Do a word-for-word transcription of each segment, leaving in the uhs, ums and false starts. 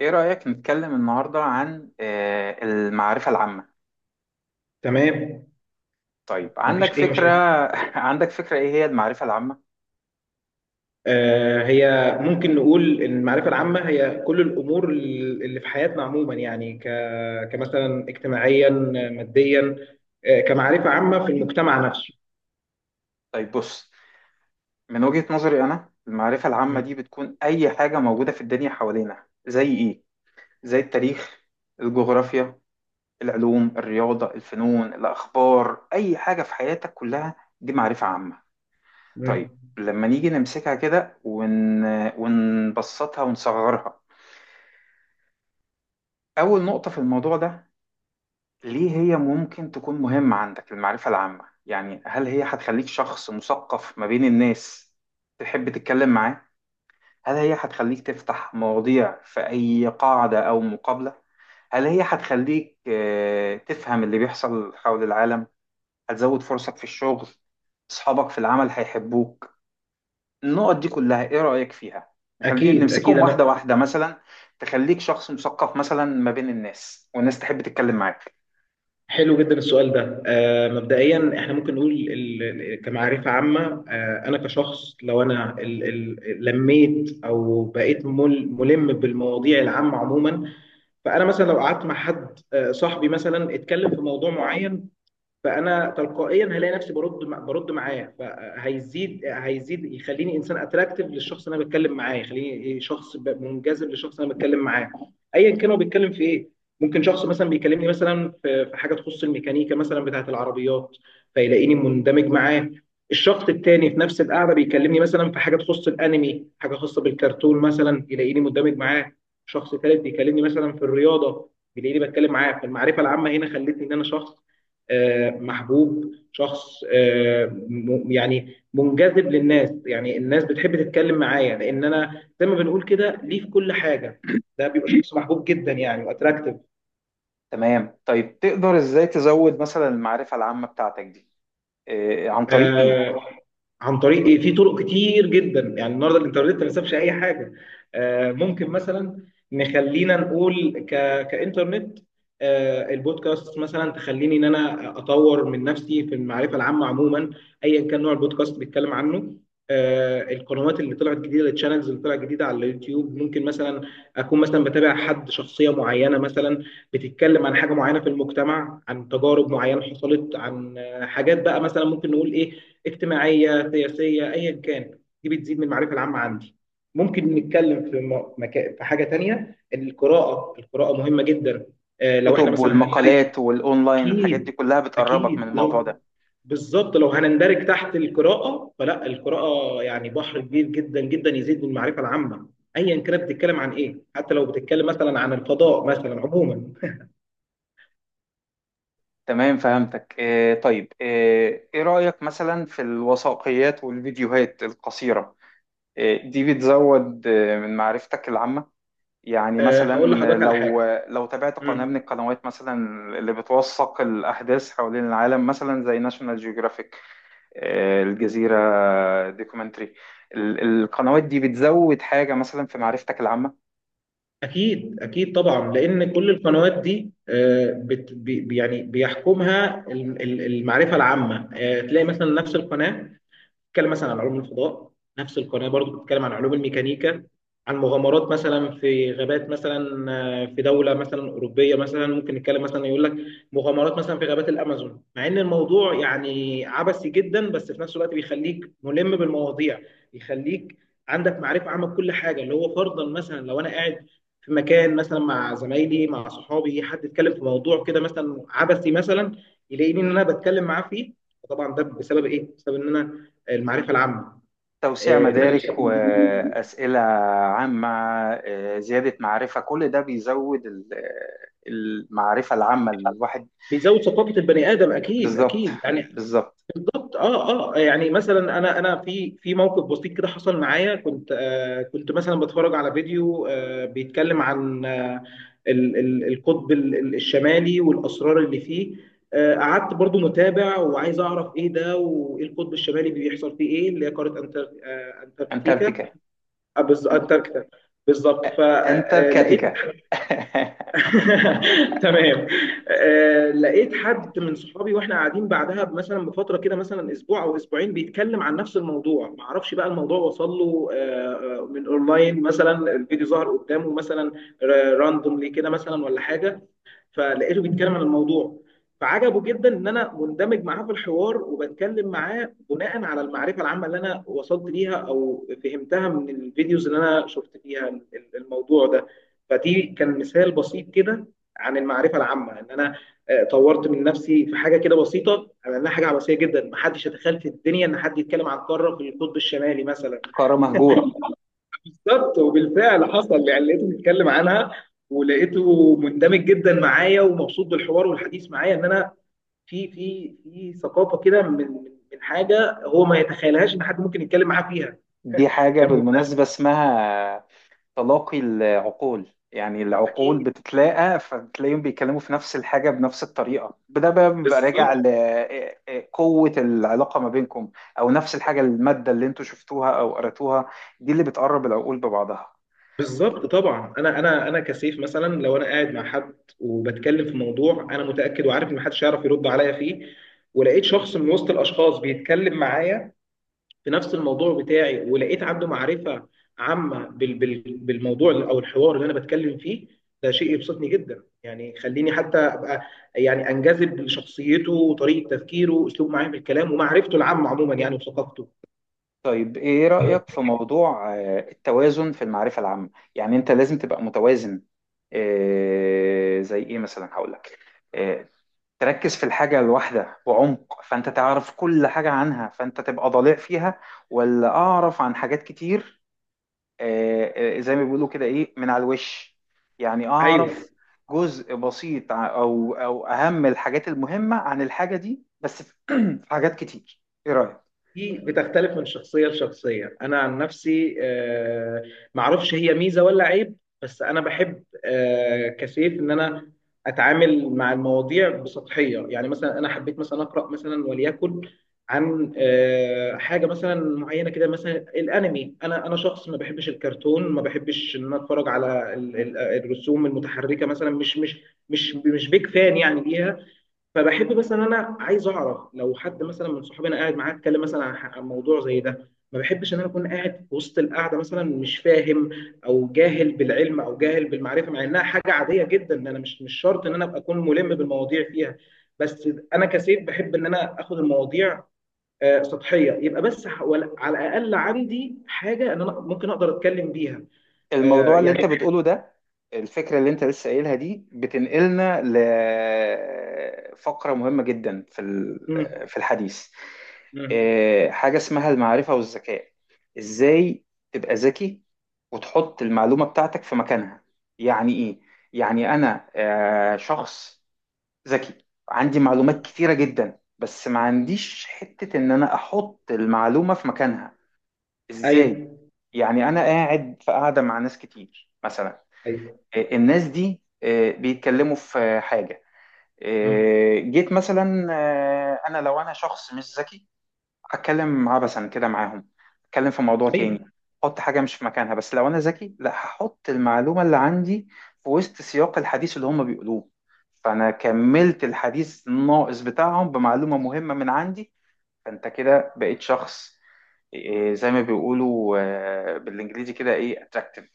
إيه رأيك نتكلم النهاردة عن آه، المعرفة العامة؟ تمام. طيب، عندك مفيش اي فكرة. مشاكل. عندك فكرة إيه هي المعرفة العامة؟ آه هي ممكن نقول ان المعرفه العامه هي كل الامور اللي في حياتنا عموما، يعني ك كمثلا اجتماعيا، ماديا، آه كمعرفه عامه في المجتمع نفسه. طيب بص، من وجهة نظري أنا المعرفة العامة مم. دي بتكون أي حاجة موجودة في الدنيا حوالينا، زي إيه؟ زي التاريخ، الجغرافيا، العلوم، الرياضة، الفنون، الأخبار، أي حاجة في حياتك كلها دي معرفة عامة. مم. طيب، لما نيجي نمسكها كده ون... ونبسطها ونصغرها، أول نقطة في الموضوع ده، ليه هي ممكن تكون مهمة عندك المعرفة العامة؟ يعني هل هي هتخليك شخص مثقف ما بين الناس تحب تتكلم معاه؟ هل هي هتخليك تفتح مواضيع في أي قاعدة أو مقابلة؟ هل هي هتخليك آه، تفهم اللي بيحصل حول العالم؟ هتزود فرصك في الشغل؟ أصحابك في العمل هيحبوك؟ النقط دي كلها إيه رأيك فيها؟ خلينا اكيد اكيد نمسكهم واحدة انا. واحدة مثلا. تخليك شخص مثقف مثلا ما بين الناس والناس تحب تتكلم معاك. حلو جدا السؤال ده. آه مبدئيا احنا ممكن نقول ال- ال- كمعرفه عامه. آه انا كشخص لو انا ال- ال- لميت او بقيت مل- ملم بالمواضيع العامه عموما، فانا مثلا لو قعدت مع حد، آه، صاحبي مثلا، اتكلم في موضوع معين، فانا تلقائيا هلاقي نفسي برد. برد معاه، فهيزيد هيزيد يخليني انسان اتراكتيف للشخص اللي انا بتكلم معاه، يخليني شخص ب- منجذب للشخص اللي انا بتكلم معاه ايا كان هو بيتكلم في ايه. ممكن شخص مثلا بيكلمني مثلا في في حاجه تخص الميكانيكا مثلا بتاعه العربيات، فيلاقيني مندمج معاه. الشخص التاني في نفس القعده بيكلمني مثلا في حاجه تخص الانمي، حاجه خاصه بالكرتون مثلا، يلاقيني مندمج معاه. شخص ثالث بيكلمني مثلا في الرياضه، بيلاقيني بتكلم معاه. فالمعرفه العامه هنا خلتني ان انا شخص آه، محبوب، شخص آه، م- يعني منجذب للناس، يعني الناس بتحب تتكلم معايا لان انا زي ما بنقول كده ليه في كل حاجه. ده بيبقى شخص محبوب جدا يعني تمام، طيب تقدر ازاي تزود مثلا المعرفة العامة بتاعتك دي؟ إيه، عن طريق ايه؟ واتراكتيف. عن طريق ايه؟ في طرق كتير جدا يعني. النهارده الانترنت ما سابش اي حاجه. آه، ممكن مثلا نخلينا نقول ك... كانترنت، آه، البودكاست مثلا تخليني ان انا اطور من نفسي في المعرفه العامه عموما ايا كان نوع البودكاست بيتكلم عنه. آه، القنوات اللي طلعت جديده، الشانلز اللي طلعت جديده على اليوتيوب، ممكن مثلا اكون مثلا بتابع حد، شخصيه معينه مثلا بتتكلم عن حاجه معينه في المجتمع، عن تجارب معينه حصلت، عن آه، حاجات بقى مثلا ممكن نقول ايه، اجتماعيه، سياسيه، ايا كان، دي بتزيد من المعرفه العامه عندي. ممكن نتكلم في م- مكا... في حاجه تانية، إن القراءه، القراءه مهمه جدا. آه، لو احنا كتب مثلا هنندرج. والمقالات والاونلاين، الحاجات دي اكيد. كلها بتقربك من اكيد الموضوع لو، ده. بالظبط، لو هنندرج تحت القراءه، فلا، القراءه يعني بحر كبير جدا جدا، يزيد من المعرفه العامه ايا كانت بتتكلم عن ايه، حتى لو بتتكلم مثلا عن الفضاء مثلا عموما. تمام فهمتك. إيه طيب ايه, إيه رأيك مثلا في الوثائقيات والفيديوهات القصيرة؟ إيه، دي بتزود إيه، من معرفتك العامة؟ يعني آه، هقول مثلا لحضرتك على لو، حاجه. لو تابعت قناة م. من القنوات مثلا اللي بتوثق الأحداث حوالين العالم مثلا زي ناشونال جيوغرافيك، آه، الجزيرة، دوكيومنتري، القنوات دي بتزود حاجة مثلا في معرفتك العامة؟ أكيد أكيد طبعا، لأن كل القنوات دي آه، بت بي يعني بيحكمها الم- ال- المعرفة العامة. آه، تلاقي مثلا نفس القناة بتتكلم مثلا عن علوم الفضاء، نفس القناه برضو بتتكلم عن علوم الميكانيكا، عن مغامرات مثلا في غابات مثلا، آه، في دوله مثلا اوروبيه مثلا، ممكن نتكلم مثلا، يقول لك مغامرات مثلا في غابات الامازون، مع ان الموضوع يعني عبثي جدا، بس في نفس الوقت بيخليك ملم بالمواضيع، بيخليك عندك معرفه عامه بكل حاجه، اللي هو فرضا مثلا لو انا قاعد في مكان مثلا مع زمايلي، مع صحابي، حد اتكلم في موضوع كده مثلا عبثي مثلا، يلاقيني ان انا بتكلم معاه فيه. وطبعا ده بسبب ايه؟ بسبب ان انا المعرفه العامه. توسيع مدارك وأسئلة عامة، آه، زيادة معرفة، كل ده بيزود ال- آه، المعرفة العامة الواحد. بيزود ثقافه البني ادم اكيد بالظبط، اكيد يعني. بالظبط. بالضبط. اه اه، يعني مثلا انا انا في في موقف بسيط كده حصل معايا، كنت آه كنت مثلا بتفرج على فيديو آه بيتكلم عن آه ال- ال- القطب ال- ال- الشمالي والاسرار اللي فيه. آه قعدت برضو متابع وعايز اعرف ايه ده، وايه القطب الشمالي بيحصل فيه، ايه اللي هي قاره أنتر- آه، انتاركتيكا. أنتاركتيكا. آه، بز- انتاركتيكا، بالظبط. فلقيت أنتاركتيكا. تمام. آه، لقيت حد من صحابي، واحنا قاعدين بعدها مثلا بفتره كده مثلا اسبوع او اسبوعين، بيتكلم عن نفس الموضوع. ما اعرفش بقى الموضوع وصل له آه، آه، من اونلاين مثلا، الفيديو ظهر قدامه مثلا راندوملي كده مثلا ولا حاجه، فلقيته بيتكلم عن الموضوع، فعجبه جدا ان انا مندمج معاه في الحوار وبتكلم معاه بناء على المعرفه العامه اللي انا وصلت ليها او فهمتها من الفيديوز اللي انا شفت فيها ال- ال- الموضوع ده. فدي كان مثال بسيط كده عن المعرفه العامه، ان انا آه، طورت من نفسي في حاجه كده بسيطه، على انها حاجه عباسيه جدا، محدش يتخيل في الدنيا ان حد يتكلم عن قاره في القطب الشمالي مثلا. قارة مهجورة. بالظبط، وبالفعل حصل يعني، لقيته بيتكلم عنها، ولقيته مندمج جدا معايا ومبسوط بالحوار والحديث معايا، ان انا في في في ثقافه كده من من من حاجه هو ما يتخيلهاش ان حد ممكن يتكلم معاه فيها. دي حاجة كان ممتع. بالمناسبة اسمها تلاقي العقول، يعني العقول اكيد. بتتلاقى فتلاقيهم بيتكلموا في نفس الحاجة بنفس الطريقة، ده بقى بيبقى راجع بالظبط لقوة العلاقة ما بينكم، أو نفس الحاجة، المادة اللي انتوا شفتوها أو قرأتوها، دي اللي بتقرب العقول ببعضها. بالظبط. طبعا انا انا انا كسيف، مثلا لو انا قاعد مع حد وبتكلم في موضوع انا متاكد وعارف ان محدش هيعرف يرد عليا فيه، ولقيت شخص من وسط الاشخاص بيتكلم معايا في نفس الموضوع بتاعي، ولقيت عنده معرفة عامة بال- بال- بالموضوع أو الحوار اللي أنا بتكلم فيه، ده شيء يبسطني جدا يعني، يخليني حتى أبقى يعني أنجذب لشخصيته وطريقة تفكيره وأسلوب معاه في الكلام ومعرفته العامة عموما يعني وثقافته. طيب إيه رأيك في موضوع آه، التوازن في المعرفة العامة؟ يعني أنت لازم تبقى متوازن. آه، زي إيه مثلا؟ هقول لك، آه، تركز في الحاجة الواحدة بعمق فأنت تعرف كل حاجة عنها فأنت تبقى ضليع فيها، ولا أعرف عن حاجات كتير، آه، آه، زي ما بيقولوا كده، إيه، من على الوش؟ يعني أيوه، أعرف جزء بسيط، ع- أو أو أهم الحاجات المهمة عن الحاجة دي بس، في في حاجات كتير، إيه رأيك؟ دي بتختلف من شخصية لشخصية. أنا عن نفسي، آه، معرفش هي ميزة ولا عيب، بس أنا بحب آه، كسيف إن أنا أتعامل مع المواضيع بسطحية، يعني مثلا أنا حبيت مثلا أقرأ مثلا وليكن عن آه، حاجة مثلا معينة كده، مثلا الأنمي. أنا أنا شخص ما بحبش الكرتون، ما بحبش إن أنا أتفرج على ال- ال- الرسوم المتحركة مثلا، مش مش مش مش بيك فان يعني ليها. فبحب مثلا انا، عايز اعرف لو حد مثلا من صحابي انا قاعد معاه اتكلم مثلا عن ح- عن موضوع زي ده، ما بحبش ان انا اكون قاعد في وسط القعده مثلا مش فاهم او جاهل بالعلم او جاهل بالمعرفه، مع انها حاجه عاديه جدا ان انا مش مش شرط ان انا ابقى اكون ملم بالمواضيع فيها. بس انا كسيف بحب ان انا اخد المواضيع آه، سطحيه، يبقى بس ح- ولا- على الاقل عندي حاجه ان انا ممكن اقدر اتكلم بيها. آه، الموضوع اللي يعني انت بتقوله ده، الفكرة اللي انت لسه قايلها دي بتنقلنا لفقرة مهمة جدا في مم، ال- في الحديث. مم، آه، حاجة اسمها المعرفة والذكاء. ازاي تبقى ذكي وتحط المعلومة بتاعتك في مكانها؟ يعني ايه؟ يعني انا آه، شخص ذكي عندي معلومات مم. كتيرة جدا، بس ما عنديش حتة ان انا احط المعلومة في مكانها. ازاي؟ ايوه. يعني انا قاعد في قاعدة مع ناس كتير مثلا، ايوه. آه، الناس دي آه، بيتكلموا في حاجة، مم. آه، جيت مثلا، آه، أنا لو أنا شخص مش ذكي هتكلم عبثا كده معاهم، هتكلم في موضوع ايوه. تاني، أحط حاجة مش في مكانها. بس لو أنا ذكي، لا، هحط المعلومة اللي عندي في وسط سياق الحديث اللي هم بيقولوه، فأنا كملت الحديث الناقص بتاعهم بمعلومة مهمة من عندي، فأنت كده بقيت شخص إيه، زي ما بيقولوا آه، بالانجليزي كده، ايه، اتراكتيف.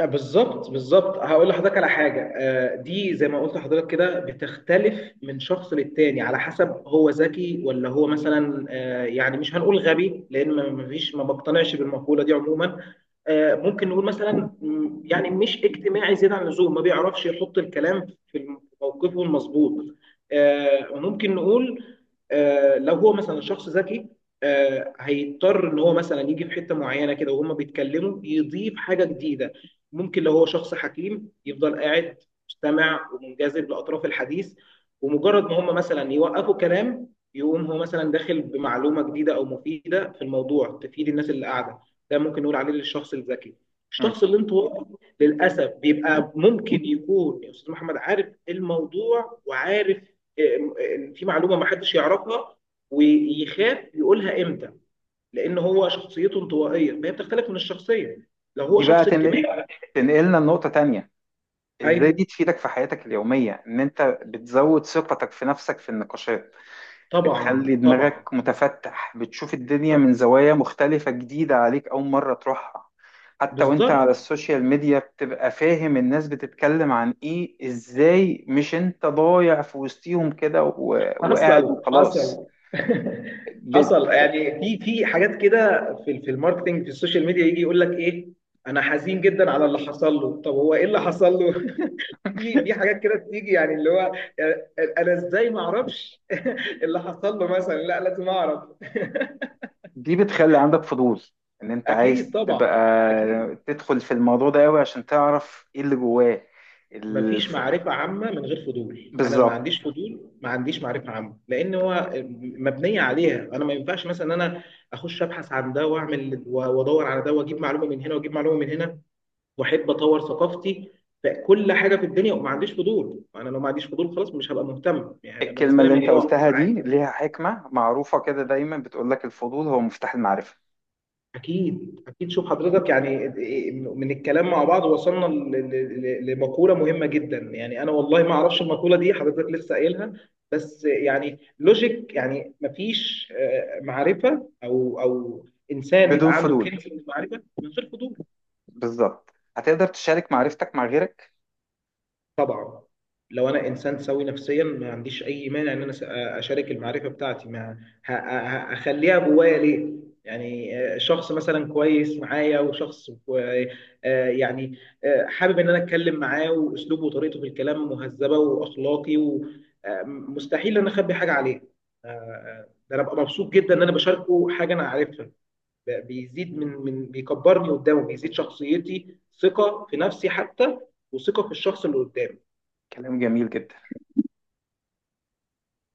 آه، بالظبط بالظبط. هقول لحضرتك على حاجه، آه، دي زي ما قلت لحضرتك كده بتختلف من شخص للتاني على حسب هو ذكي ولا هو مثلا، آه، يعني مش هنقول غبي لان ما ما فيش ما بقتنعش بالمقوله دي عموما. آه، ممكن نقول مثلا مم، يعني مش اجتماعي زياده عن اللزوم، ما بيعرفش يحط الكلام في موقفه المظبوط. آه، ممكن نقول، آه، لو هو مثلا شخص ذكي، آه، هيضطر ان هو مثلا يجي في حته معينه كده وهما بيتكلموا يضيف حاجه جديده. ممكن لو هو شخص حكيم يفضل قاعد مستمع ومنجذب لاطراف الحديث، ومجرد ما هما مثلا يوقفوا كلام، يقوم هو مثلا داخل بمعلومه جديده او مفيده في الموضوع تفيد الناس اللي قاعده. ده ممكن نقول عليه للشخص الذكي. الشخص الانطوائي للاسف بيبقى ممكن يكون يا استاذ محمد عارف الموضوع وعارف آه، آه، في معلومه ما حدش يعرفها، ويخاف يقولها امتى، لان هو شخصيته انطوائيه، فهي بتختلف من الشخصيه لو هو دي بقى شخص تن- اجتماعي. تنقلنا لنقطة تانية. ازاي ايوه. دي تفيدك في حياتك اليومية؟ ان انت بتزود ثقتك في نفسك في النقاشات، بتخلي طبعا طبعا. دماغك متفتح، بتشوف الدنيا من زوايا مختلفة جديدة عليك اول مرة تروحها، حتى وانت على بالظبط. السوشيال ميديا بتبقى فاهم الناس بتتكلم عن ايه ازاي، مش انت ضايع في وسطيهم كده و- وقاعد حصل وخلاص. حصل. بت... حصل يعني، في في حاجات كده في في الماركتنج في السوشيال ميديا، يجي يقول لك ايه، انا حزين جدا على اللي حصل له، طب هو ايه اللي حصل له؟ في في حاجات كده بتيجي، يعني اللي هو يعني انا ازاي ما اعرفش اللي حصل له مثلا، لا لازم اعرف. دي بتخلي عندك فضول، ان انت اكيد عايز تبقى طبعا اكيد. تدخل في الموضوع ده قوي عشان تعرف ايه اللي جواه. مفيش الف... معرفة عامة من غير فضول. أنا ما بالظبط. عنديش فضول، ما عنديش معرفة عامة، لأن هو مبنية عليها. أنا ما ينفعش مثلا أنا أخش أبحث عن ده وأعمل وأدور على ده، وأجيب معلومة من هنا وأجيب معلومة من هنا، وأحب أطور ثقافتي في كل حاجة في الدنيا، وما عنديش فضول. أنا لو ما عنديش فضول خلاص مش هبقى مهتم يعني، هيبقى الكلمة بالنسبة لي اللي انت الموضوع قلتها دي عادي. ليها حكمة معروفة كده، دايما بتقول لك الفضول هو مفتاح المعرفة. أكيد أكيد. شوف حضرتك يعني، من الكلام مع بعض وصلنا ل- ل- ل- لمقولة مهمة جدا يعني. أنا والله ما أعرفش المقولة دي، حضرتك لسه قايلها. بس يعني لوجيك يعني، مفيش آه، معرفة أو أو إنسان بدون يبقى عنده فضول، كنز من المعرفة من غير فضول. بالظبط. هتقدر تشارك معرفتك مع غيرك؟ طبعا. لو انا انسان سوي نفسيا، ما عنديش اي مانع ان انا س- اشارك المعرفه بتاعتي. ما ه- ه- اخليها جوايا ليه؟ يعني آه، شخص مثلا كويس معايا، وشخص كو- آه، يعني آه، حابب ان انا اتكلم معاه، واسلوبه وطريقته في الكلام مهذبه واخلاقي، ومستحيل ان انا اخبي حاجه عليه. آه، آه، ده انا ببقى مبسوط جدا ان انا بشاركه حاجه انا عارفها، ب- بيزيد من من بيكبرني قدامه، بيزيد شخصيتي، ثقه في نفسي حتى، وثقه في الشخص اللي قدامي. كلام جميل جدا.